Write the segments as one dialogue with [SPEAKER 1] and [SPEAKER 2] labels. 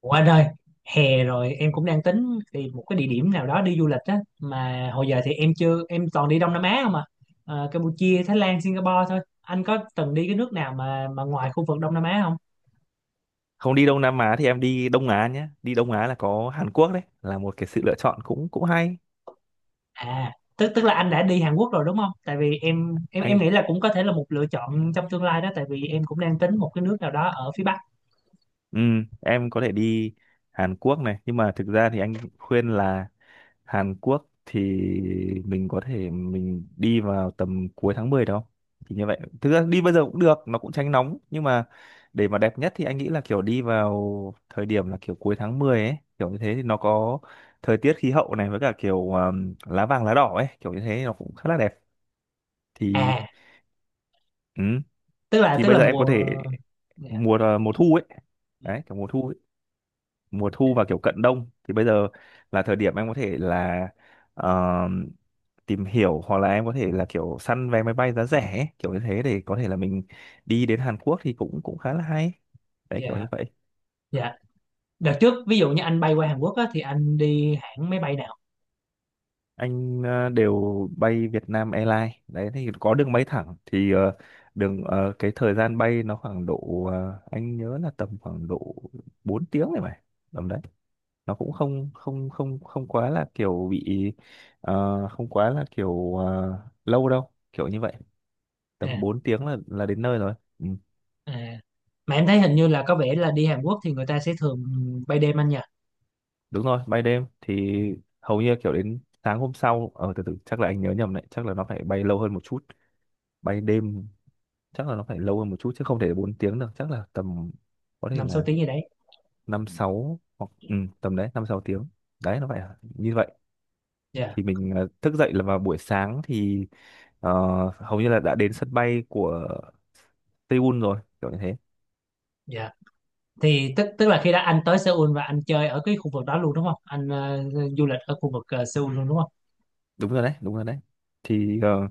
[SPEAKER 1] Ủa anh ơi, hè rồi em cũng đang tính tìm một cái địa điểm nào đó đi du lịch á, mà hồi giờ thì em chưa em toàn đi Đông Nam Á không à. Campuchia, Thái Lan, Singapore thôi. Anh có từng đi cái nước nào mà ngoài khu vực Đông Nam Á không?
[SPEAKER 2] Không đi Đông Nam Á thì em đi Đông Á nhé. Đi Đông Á là có Hàn Quốc, đấy là một cái sự lựa chọn cũng cũng hay.
[SPEAKER 1] À, tức tức là anh đã đi Hàn Quốc rồi đúng không? Tại vì em
[SPEAKER 2] Anh
[SPEAKER 1] nghĩ là cũng có thể là một lựa chọn trong tương lai đó, tại vì em cũng đang tính một cái nước nào đó ở phía Bắc.
[SPEAKER 2] ừ, em có thể đi Hàn Quốc này, nhưng mà thực ra thì anh khuyên là Hàn Quốc thì mình có thể mình đi vào tầm cuối tháng 10 đó. Thì như vậy thực ra đi bây giờ cũng được, nó cũng tránh nóng, nhưng mà để mà đẹp nhất thì anh nghĩ là kiểu đi vào thời điểm là kiểu cuối tháng 10 ấy, kiểu như thế thì nó có thời tiết khí hậu này, với cả kiểu lá vàng lá đỏ ấy, kiểu như thế nó cũng khá là đẹp. Thì
[SPEAKER 1] À,
[SPEAKER 2] ừ,
[SPEAKER 1] tức là
[SPEAKER 2] thì
[SPEAKER 1] tức
[SPEAKER 2] bây
[SPEAKER 1] là
[SPEAKER 2] giờ em có
[SPEAKER 1] mùa.
[SPEAKER 2] thể
[SPEAKER 1] Dạ.
[SPEAKER 2] mùa mùa thu ấy,
[SPEAKER 1] Ừ.
[SPEAKER 2] đấy kiểu mùa thu ấy. Mùa
[SPEAKER 1] Dạ,
[SPEAKER 2] thu và kiểu cận đông thì bây giờ là thời điểm em có thể là ờ, tìm hiểu, hoặc là em có thể là kiểu săn vé máy bay giá rẻ ấy, kiểu như thế, để có thể là mình đi đến Hàn Quốc thì cũng cũng khá là hay, đấy kiểu
[SPEAKER 1] dạ,
[SPEAKER 2] như vậy.
[SPEAKER 1] dạ. Đợt trước ví dụ như anh bay qua Hàn Quốc á, thì anh đi hãng máy bay nào?
[SPEAKER 2] Anh đều bay Việt Nam Airlines, đấy thì có đường bay thẳng thì đường cái thời gian bay nó khoảng độ anh nhớ là tầm khoảng độ 4 tiếng này mà, tầm đấy, nó cũng không không không không quá là kiểu bị không quá là kiểu lâu đâu, kiểu như vậy.
[SPEAKER 1] À.
[SPEAKER 2] Tầm 4 tiếng là đến nơi rồi. Ừ,
[SPEAKER 1] À, mà em thấy hình như là có vẻ là đi Hàn Quốc thì người ta sẽ thường bay đêm anh nhỉ,
[SPEAKER 2] đúng rồi bay đêm thì hầu như kiểu đến sáng hôm sau. Ờ, từ từ chắc là anh nhớ nhầm đấy, chắc là nó phải bay lâu hơn một chút. Bay đêm chắc là nó phải lâu hơn một chút, chứ không thể 4 tiếng được, chắc là tầm có thể
[SPEAKER 1] năm sáu
[SPEAKER 2] là
[SPEAKER 1] tiếng gì đấy.
[SPEAKER 2] năm sáu, hoặc ừ, tầm đấy năm sáu tiếng, đấy nó phải như vậy.
[SPEAKER 1] Dạ,
[SPEAKER 2] Thì mình thức dậy là vào buổi sáng thì ờ, hầu như là đã đến sân bay của Seoul rồi, kiểu như thế.
[SPEAKER 1] dạ. Thì tức tức là khi đã anh tới Seoul và anh chơi ở cái khu vực đó luôn đúng không? Anh du lịch ở khu vực Seoul luôn đúng không?
[SPEAKER 2] Đúng rồi đấy, đúng rồi đấy. Thì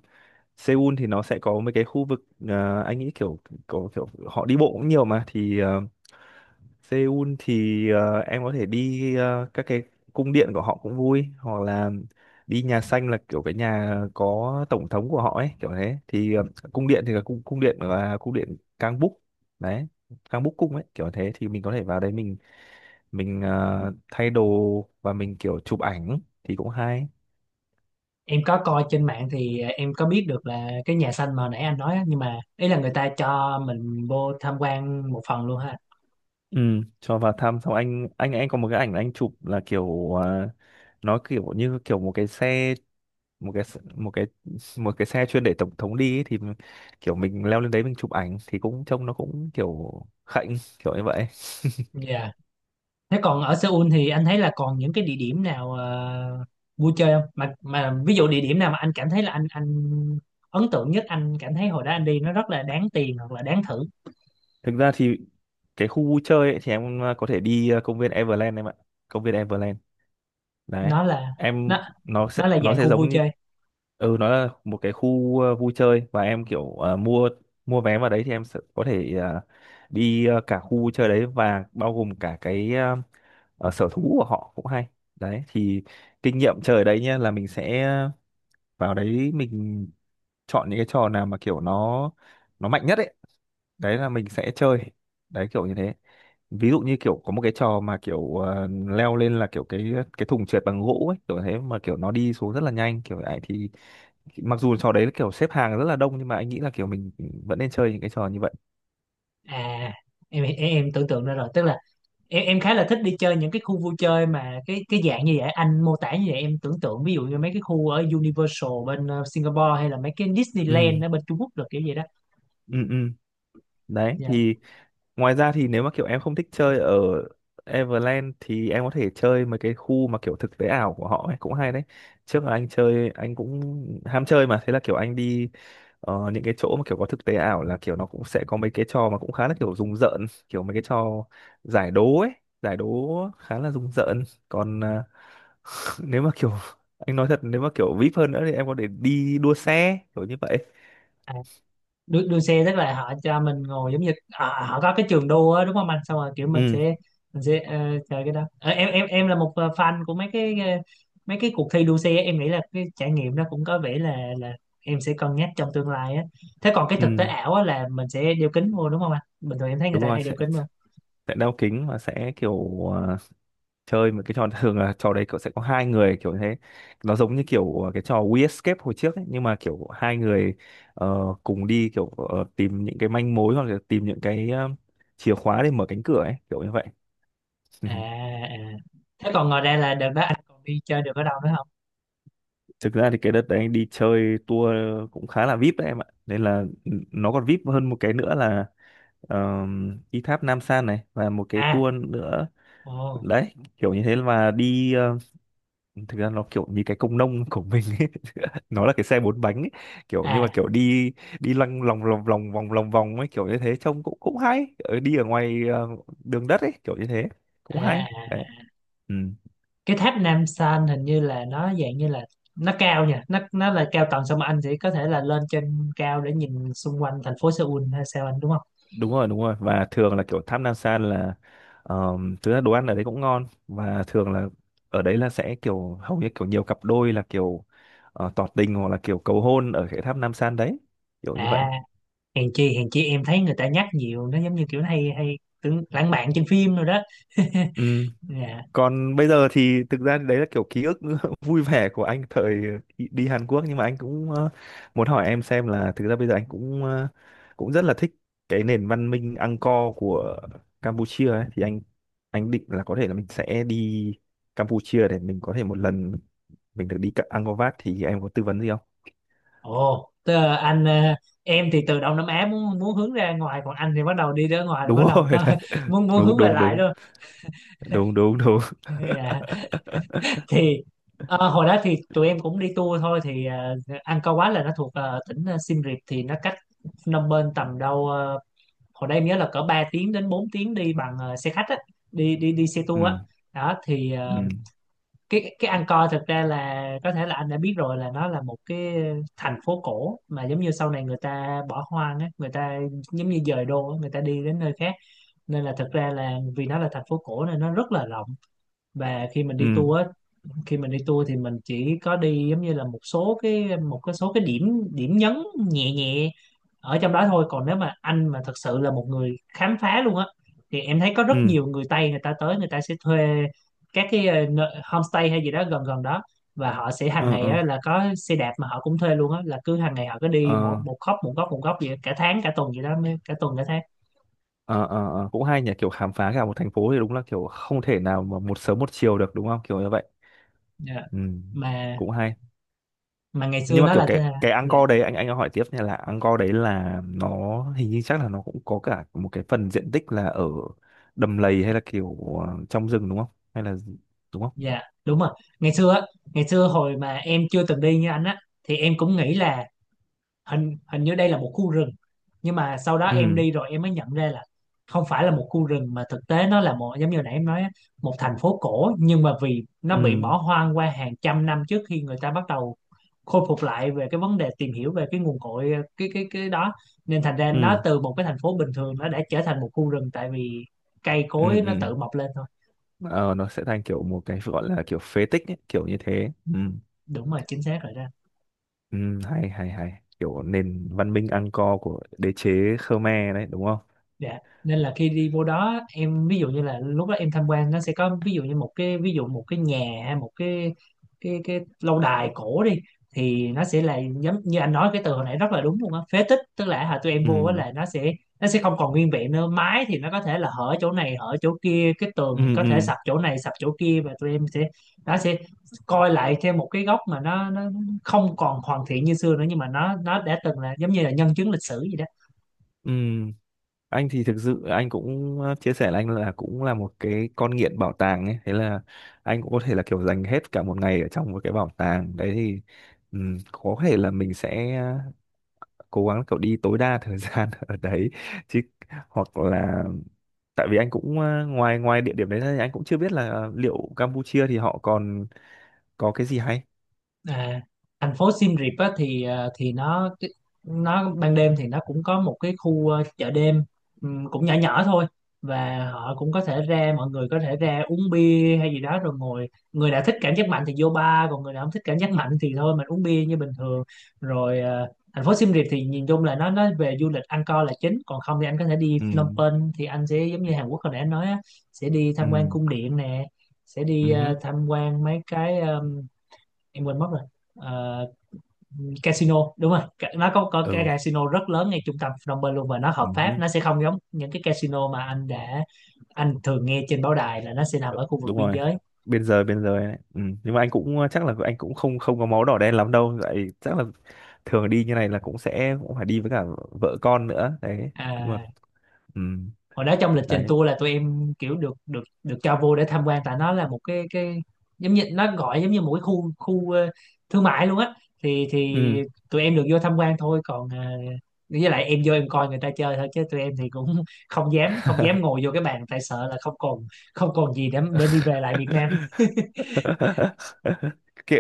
[SPEAKER 2] Seoul thì nó sẽ có mấy cái khu vực, anh nghĩ kiểu có kiểu họ đi bộ cũng nhiều mà, thì Seoul thì em có thể đi các cái cung điện của họ cũng vui, hoặc là đi nhà xanh là kiểu cái nhà có tổng thống của họ ấy, kiểu thế. Thì cung điện thì là cung cung điện là cung điện Kangbuk đấy, Kangbuk cung ấy kiểu thế, thì mình có thể vào đấy mình thay đồ và mình kiểu chụp ảnh thì cũng hay.
[SPEAKER 1] Em có coi trên mạng thì em có biết được là cái nhà xanh mà nãy anh nói á, nhưng mà ý là người ta cho mình vô tham quan một phần luôn ha.
[SPEAKER 2] Ừ, cho vào thăm xong anh có một cái ảnh anh chụp là kiểu nó kiểu như kiểu một cái xe, một cái s- một cái một cái xe chuyên để tổng thống đi ấy, thì kiểu mình leo lên đấy mình chụp ảnh thì cũng trông nó cũng kiểu khạnh kiểu như vậy.
[SPEAKER 1] Dạ. Thế còn ở Seoul thì anh thấy là còn những cái địa điểm nào vui chơi không? Mà ví dụ địa điểm nào mà anh cảm thấy là anh ấn tượng nhất, anh cảm thấy hồi đó anh đi nó rất là đáng tiền hoặc là đáng thử.
[SPEAKER 2] Thực ra thì cái khu vui chơi ấy, thì em có thể đi công viên Everland em ạ, công viên Everland đấy
[SPEAKER 1] Nó là
[SPEAKER 2] em.
[SPEAKER 1] nó
[SPEAKER 2] nó sẽ
[SPEAKER 1] nó là
[SPEAKER 2] nó
[SPEAKER 1] dạng
[SPEAKER 2] sẽ
[SPEAKER 1] khu vui
[SPEAKER 2] giống như
[SPEAKER 1] chơi.
[SPEAKER 2] ừ, nó là một cái khu vui chơi, và em kiểu mua mua vé vào đấy thì em sẽ có thể đi cả khu vui chơi đấy và bao gồm cả cái sở thú của họ cũng hay. Đấy thì kinh nghiệm chơi ở đấy nhá là mình sẽ vào đấy mình chọn những cái trò nào mà kiểu nó mạnh nhất ấy, đấy là mình sẽ chơi, đấy kiểu như thế. Ví dụ như kiểu có một cái trò mà kiểu leo lên là kiểu cái thùng trượt bằng gỗ ấy, kiểu thế, mà kiểu nó đi xuống rất là nhanh kiểu ấy, thì mặc dù trò đấy là kiểu xếp hàng rất là đông, nhưng mà anh nghĩ là kiểu mình vẫn nên chơi những cái trò như vậy.
[SPEAKER 1] À, em, em tưởng tượng ra rồi, tức là em khá là thích đi chơi những cái khu vui chơi mà cái dạng như vậy anh mô tả, như vậy em tưởng tượng ví dụ như mấy cái khu ở Universal bên Singapore hay là mấy cái Disneyland
[SPEAKER 2] ừ
[SPEAKER 1] ở bên Trung Quốc được, kiểu vậy đó.
[SPEAKER 2] ừ ừ Đấy
[SPEAKER 1] Dạ.
[SPEAKER 2] thì ngoài ra, thì nếu mà kiểu em không thích chơi ở Everland thì em có thể chơi mấy cái khu mà kiểu thực tế ảo của họ ấy cũng hay đấy. Trước là anh chơi, anh cũng ham chơi mà, thế là kiểu anh đi những cái chỗ mà kiểu có thực tế ảo, là kiểu nó cũng sẽ có mấy cái trò mà cũng khá là kiểu rùng rợn, kiểu mấy cái trò giải đố ấy, giải đố khá là rùng rợn. Còn nếu mà kiểu anh nói thật, nếu mà kiểu VIP hơn nữa thì em có thể đi đua xe kiểu như vậy.
[SPEAKER 1] Đua xe tức là họ cho mình ngồi giống như họ, họ có cái trường đua á, đúng không anh, xong rồi kiểu mình
[SPEAKER 2] Ừ,
[SPEAKER 1] sẽ mình sẽ ờ, chơi cái đó. Ờ, em là một fan của mấy cái mấy cái cuộc thi đua xe á. Em nghĩ là cái trải nghiệm nó cũng có vẻ là em sẽ cân nhắc trong tương lai á. Thế còn cái thực tế
[SPEAKER 2] ừ,
[SPEAKER 1] ảo á là mình sẽ đeo kính vô đúng không anh, bình thường em thấy người
[SPEAKER 2] đúng
[SPEAKER 1] ta
[SPEAKER 2] rồi,
[SPEAKER 1] hay đeo kính vô.
[SPEAKER 2] sẽ đeo kính và sẽ kiểu chơi một cái trò thường là trò đấy cậu sẽ có hai người kiểu thế, nó giống như kiểu cái trò We Escape hồi trước ấy, nhưng mà kiểu hai người ờ, cùng đi kiểu tìm những cái manh mối, hoặc là tìm những cái chìa khóa để mở cánh cửa ấy, kiểu như vậy.
[SPEAKER 1] À, à. Thế còn ngoài ra là đợt đó anh còn đi chơi được ở đâu nữa không?
[SPEAKER 2] Thực ra thì cái đợt đấy anh đi chơi tour cũng khá là VIP đấy em ạ, nên là ừ, nó còn VIP hơn một cái nữa là uh, đi tháp Nam San này và một cái
[SPEAKER 1] À.
[SPEAKER 2] tour nữa.
[SPEAKER 1] Ồ.
[SPEAKER 2] Đấy kiểu như thế, mà đi thực ra nó kiểu như cái công nông của mình ấy. Nó là cái xe bốn bánh ấy, kiểu nhưng mà
[SPEAKER 1] à
[SPEAKER 2] kiểu đi đi lăng lòng lòng lòng vòng ấy, kiểu như thế, trông cũng cũng hay, ở đi ở ngoài đường đất ấy, kiểu như thế,
[SPEAKER 1] à.
[SPEAKER 2] cũng hay
[SPEAKER 1] À.
[SPEAKER 2] đấy. Ừ,
[SPEAKER 1] Cái tháp Nam San hình như là nó dạng như là nó cao nha, nó là cao tầng, xong mà anh sẽ có thể là lên trên cao để nhìn xung quanh thành phố Seoul hay sao anh đúng không?
[SPEAKER 2] đúng rồi, đúng rồi, và thường là kiểu Tham Nam San là thực ra đồ ăn ở đấy cũng ngon, và thường là ở đấy là sẽ kiểu hầu như kiểu nhiều cặp đôi là kiểu tỏ tình, hoặc là kiểu cầu hôn ở cái tháp Nam San đấy, kiểu như vậy.
[SPEAKER 1] À, hèn chi em thấy người ta nhắc nhiều, nó giống như kiểu nó hay hay tưởng lãng mạn trên phim rồi đó.
[SPEAKER 2] Ừ,
[SPEAKER 1] Dạ.
[SPEAKER 2] còn bây giờ thì thực ra đấy là kiểu ký ức vui vẻ của anh thời đi Hàn Quốc. Nhưng mà anh cũng muốn hỏi em xem, là thực ra bây giờ anh cũng cũng rất là thích cái nền văn minh Angkor của Campuchia ấy. Thì anh định là có thể là mình sẽ đi Campuchia để mình có thể một lần mình được đi cả Angkor Wat. Thì em có tư vấn gì không?
[SPEAKER 1] Ồ tớ, anh em thì từ Đông Nam Á muốn muốn hướng ra ngoài, còn anh thì bắt đầu đi ra ngoài là
[SPEAKER 2] Đúng
[SPEAKER 1] bắt đầu
[SPEAKER 2] rồi,
[SPEAKER 1] có
[SPEAKER 2] đấy.
[SPEAKER 1] muốn muốn
[SPEAKER 2] Đúng
[SPEAKER 1] hướng về
[SPEAKER 2] đúng
[SPEAKER 1] lại
[SPEAKER 2] đúng,
[SPEAKER 1] luôn.
[SPEAKER 2] đúng đúng đúng.
[SPEAKER 1] Dạ. Thì hồi đó thì tụi em cũng đi tour thôi, thì Angkor Wat là nó thuộc tỉnh Siem Reap, thì nó cách Phnom Penh tầm đâu hồi đây em nhớ là cỡ 3 tiếng đến 4 tiếng đi bằng xe khách á, đi đi đi xe
[SPEAKER 2] Ừ
[SPEAKER 1] tour á. Đó thì
[SPEAKER 2] ừ
[SPEAKER 1] cái Angkor thực ra là có thể là anh đã biết rồi, là nó là một cái thành phố cổ mà giống như sau này người ta bỏ hoang á, người ta giống như dời đô á, người ta đi đến nơi khác, nên là thực ra là vì nó là thành phố cổ nên nó rất là rộng. Và khi mình đi
[SPEAKER 2] ừ
[SPEAKER 1] tour á, khi mình đi tour thì mình chỉ có đi giống như là một số cái điểm điểm nhấn nhẹ nhẹ ở trong đó thôi, còn nếu mà anh mà thật sự là một người khám phá luôn á, thì em thấy có rất nhiều người Tây người ta tới, người ta sẽ thuê các cái homestay hay gì đó gần gần đó, và họ sẽ hàng
[SPEAKER 2] ừ
[SPEAKER 1] ngày
[SPEAKER 2] ừ
[SPEAKER 1] á, là có xe đạp mà họ cũng thuê luôn á, là cứ hàng ngày họ cứ
[SPEAKER 2] ừ.
[SPEAKER 1] đi một một góc một góc một góc vậy cả tháng cả tuần vậy đó, cả tuần cả tháng.
[SPEAKER 2] Ờ, ờ, ờ, cũng hay nhỉ, kiểu khám phá cả một thành phố thì đúng là kiểu không thể nào mà một sớm một chiều được, đúng không, kiểu như vậy.
[SPEAKER 1] Dạ.
[SPEAKER 2] Ừ,
[SPEAKER 1] mà
[SPEAKER 2] cũng hay.
[SPEAKER 1] mà ngày
[SPEAKER 2] Nhưng
[SPEAKER 1] xưa
[SPEAKER 2] mà
[SPEAKER 1] nó
[SPEAKER 2] kiểu
[SPEAKER 1] là
[SPEAKER 2] cái
[SPEAKER 1] thế-
[SPEAKER 2] cái
[SPEAKER 1] dạ.
[SPEAKER 2] Angkor đấy, anh hỏi tiếp nha, là Angkor đấy là nó hình như chắc là nó cũng có cả một cái phần diện tích là ở đầm lầy, hay là kiểu trong rừng, đúng không, hay là gì? Đúng không?
[SPEAKER 1] Dạ, đúng rồi, ngày xưa á, ngày xưa hồi mà em chưa từng đi như anh á, thì em cũng nghĩ là hình hình như đây là một khu rừng, nhưng mà sau đó em
[SPEAKER 2] Ừ
[SPEAKER 1] đi rồi em mới nhận ra là không phải là một khu rừng mà thực tế nó là một, giống như hồi nãy em nói á, một thành phố cổ, nhưng mà vì nó bị
[SPEAKER 2] ừ
[SPEAKER 1] bỏ hoang qua hàng trăm năm trước khi người ta bắt đầu khôi phục lại về cái vấn đề tìm hiểu về cái nguồn cội cái đó, nên thành ra
[SPEAKER 2] ừ
[SPEAKER 1] nó từ một cái thành phố bình thường nó đã trở thành một khu rừng, tại vì cây
[SPEAKER 2] ừ
[SPEAKER 1] cối nó
[SPEAKER 2] ừ.
[SPEAKER 1] tự mọc lên thôi.
[SPEAKER 2] Ờ, nó sẽ thành kiểu một cái gọi là kiểu phế tích ấy, kiểu như thế. Ừ,
[SPEAKER 1] Đúng rồi, chính xác rồi đó.
[SPEAKER 2] ừ, hay hay hay, kiểu nền văn minh Angkor của đế chế Khmer đấy, đúng không?
[SPEAKER 1] Dạ. Nên là khi đi vô đó em ví dụ như là lúc đó em tham quan, nó sẽ có ví dụ như một cái, ví dụ một cái nhà hay một cái cái lâu đài cổ đi, thì nó sẽ là giống như anh nói cái từ hồi nãy rất là đúng luôn á, phế tích, tức là hồi tụi em vô á
[SPEAKER 2] Ừ
[SPEAKER 1] là nó sẽ không còn nguyên vẹn nữa, mái thì nó có thể là hở chỗ này hở chỗ kia, cái tường thì
[SPEAKER 2] ừ
[SPEAKER 1] có thể
[SPEAKER 2] ừ
[SPEAKER 1] sập chỗ này sập chỗ kia, và tụi em sẽ nó sẽ coi lại theo một cái góc mà nó không còn hoàn thiện như xưa nữa nhưng mà nó đã từng là giống như là nhân chứng lịch sử vậy đó.
[SPEAKER 2] ừ. Anh thì thực sự anh cũng chia sẻ là anh là cũng là một cái con nghiện bảo tàng ấy, thế là anh cũng có thể là kiểu dành hết cả một ngày ở trong một cái bảo tàng đấy. Thì ừ, có thể là mình sẽ cố gắng kiểu đi tối đa thời gian ở đấy chứ, hoặc là, tại vì anh cũng ngoài ngoài địa điểm đấy ra thì anh cũng chưa biết là liệu Campuchia thì họ còn có cái gì hay.
[SPEAKER 1] À, thành phố Siem Reap á, thì thì nó ban đêm thì nó cũng có một cái khu chợ đêm, cũng nhỏ nhỏ thôi, và họ cũng có thể ra, mọi người có thể ra uống bia hay gì đó rồi ngồi, người nào thích cảm giác mạnh thì vô bar, còn người nào không thích cảm giác mạnh thì thôi mình uống bia như bình thường. Rồi thành phố Siem Reap thì nhìn chung là nó về du lịch ăn co là chính, còn không thì anh có thể đi
[SPEAKER 2] Ừ
[SPEAKER 1] Phnom Penh thì anh sẽ giống như Hàn Quốc hồi nãy anh nói á, sẽ đi tham quan
[SPEAKER 2] ừ
[SPEAKER 1] cung điện nè, sẽ
[SPEAKER 2] ừ
[SPEAKER 1] đi
[SPEAKER 2] hứ,
[SPEAKER 1] tham quan mấy cái em quên mất rồi. Ờ, casino, đúng rồi. Nó có cái
[SPEAKER 2] ừ
[SPEAKER 1] casino rất lớn ngay trung tâm Phnom Penh luôn, và nó hợp
[SPEAKER 2] ừ
[SPEAKER 1] pháp,
[SPEAKER 2] hứ,
[SPEAKER 1] nó sẽ không giống những cái casino mà anh đã, anh thường nghe trên báo đài là nó sẽ nằm
[SPEAKER 2] ừ,
[SPEAKER 1] ở khu vực
[SPEAKER 2] đúng
[SPEAKER 1] biên
[SPEAKER 2] rồi.
[SPEAKER 1] giới.
[SPEAKER 2] Bên giới, bên giới, đấy. Ừ, nhưng mà anh cũng chắc là anh cũng không không có máu đỏ đen lắm đâu, vậy chắc là thường đi như này là cũng sẽ cũng phải đi với cả vợ con nữa đấy. Nhưng mà
[SPEAKER 1] À,
[SPEAKER 2] ừ,
[SPEAKER 1] hồi đó trong lịch trình
[SPEAKER 2] đấy.
[SPEAKER 1] tour là tụi em kiểu được được được cho vô để tham quan, tại nó là một cái, giống như nó gọi giống như một cái khu, khu thương mại luôn á, thì
[SPEAKER 2] Ừ,
[SPEAKER 1] tụi em được vô tham quan thôi, còn với lại em vô em coi người ta chơi thôi, chứ tụi em thì cũng không dám không dám ngồi vô cái bàn, tại sợ là không còn, không còn gì để đi về lại Việt Nam.
[SPEAKER 2] kệ,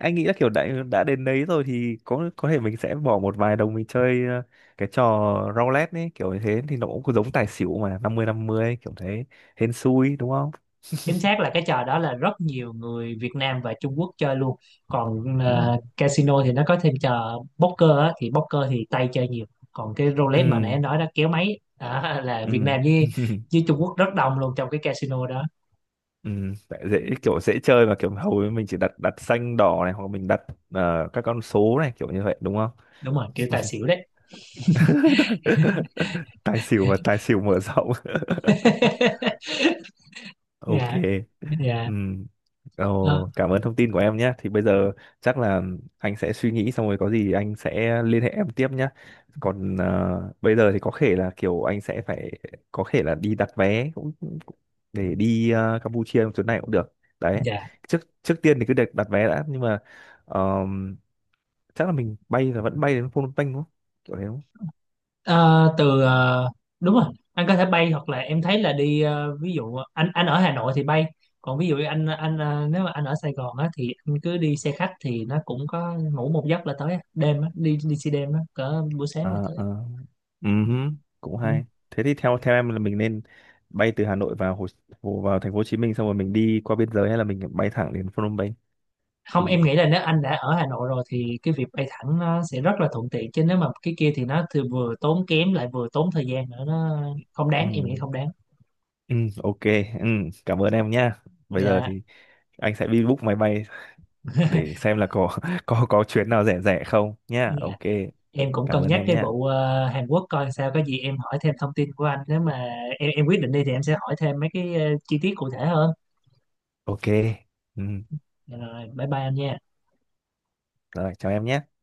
[SPEAKER 2] anh nghĩ là kiểu đã đến đấy rồi thì có thể mình sẽ bỏ một vài đồng mình chơi cái trò roulette ấy, kiểu như thế, thì nó cũng giống tài xỉu, mà năm mươi kiểu thế, hên xui, đúng không?
[SPEAKER 1] Chính xác là cái trò đó là rất nhiều người Việt Nam và Trung Quốc chơi luôn. Còn
[SPEAKER 2] Ừ
[SPEAKER 1] casino thì nó có thêm trò poker á, thì poker thì Tây chơi nhiều. Còn cái
[SPEAKER 2] ừ
[SPEAKER 1] roulette mà nãy em nói đó, kéo máy đó, là Việt
[SPEAKER 2] ừ
[SPEAKER 1] Nam với với Trung Quốc rất đông luôn trong cái casino đó.
[SPEAKER 2] ừ. Tại dễ, kiểu dễ chơi mà, kiểu hầu như mình chỉ đặt, đặt xanh đỏ này, hoặc mình đặt các con số này, kiểu như vậy đúng không?
[SPEAKER 1] Đúng rồi, kiểu tài xỉu đấy.
[SPEAKER 2] Tài xỉu và tài xỉu mở rộng. Ok.
[SPEAKER 1] Dạ. Dạ.
[SPEAKER 2] Ừ.
[SPEAKER 1] Ờ,
[SPEAKER 2] Ồ, cảm ơn thông tin của em nhé. Thì bây giờ chắc là anh sẽ suy nghĩ, xong rồi có gì anh sẽ liên hệ em tiếp nhé. Còn bây giờ thì có thể là kiểu anh sẽ phải có thể là đi đặt vé cũng cũng- để đi Campuchia trong chuyến này cũng được. Đấy.
[SPEAKER 1] dạ.
[SPEAKER 2] Trước trước tiên thì cứ đặt đặt vé đã, nhưng mà ờm, chắc là mình bay là vẫn bay đến Phnom Penh đúng không? Kiểu thế đúng không?
[SPEAKER 1] Ờ, đúng rồi, anh có thể bay, hoặc là em thấy là đi ví dụ anh ở Hà Nội thì bay, còn ví dụ anh nếu mà anh ở Sài Gòn á, thì anh cứ đi xe khách thì nó cũng có, ngủ một giấc là tới á. Đêm á, đi đi xe đêm á, cỡ buổi sáng là
[SPEAKER 2] Ờ
[SPEAKER 1] tới.
[SPEAKER 2] ờ,
[SPEAKER 1] Ừ.
[SPEAKER 2] ừm, cũng
[SPEAKER 1] Ừ.
[SPEAKER 2] hay. Thế thì theo theo em là mình nên bay từ Hà Nội vào Hồ vào thành phố Hồ Chí Minh, xong rồi mình đi qua biên giới, hay là mình bay thẳng đến Phnom Penh?
[SPEAKER 1] Không,
[SPEAKER 2] Thì
[SPEAKER 1] em nghĩ là nếu anh đã ở Hà Nội rồi thì cái việc bay thẳng nó sẽ rất là thuận tiện, chứ nếu mà cái kia thì nó thì vừa tốn kém lại vừa tốn thời gian nữa, nó không đáng, em nghĩ
[SPEAKER 2] ừm,
[SPEAKER 1] không đáng.
[SPEAKER 2] ok. Ừm, cảm ơn em nhá. Bây giờ
[SPEAKER 1] Dạ.
[SPEAKER 2] thì anh sẽ đi book máy bay để xem là có có chuyến nào rẻ rẻ không nhá.
[SPEAKER 1] Dạ.
[SPEAKER 2] Ok.
[SPEAKER 1] Em cũng
[SPEAKER 2] Cảm
[SPEAKER 1] cân
[SPEAKER 2] ơn
[SPEAKER 1] nhắc
[SPEAKER 2] em
[SPEAKER 1] cái
[SPEAKER 2] nhá.
[SPEAKER 1] vụ Hàn Quốc coi sao, có gì em hỏi thêm thông tin của anh, nếu mà em quyết định đi thì em sẽ hỏi thêm mấy cái chi tiết cụ thể hơn.
[SPEAKER 2] Ok. Ừm,
[SPEAKER 1] Rồi bye bye anh nha.
[SPEAKER 2] rồi chào em nhé.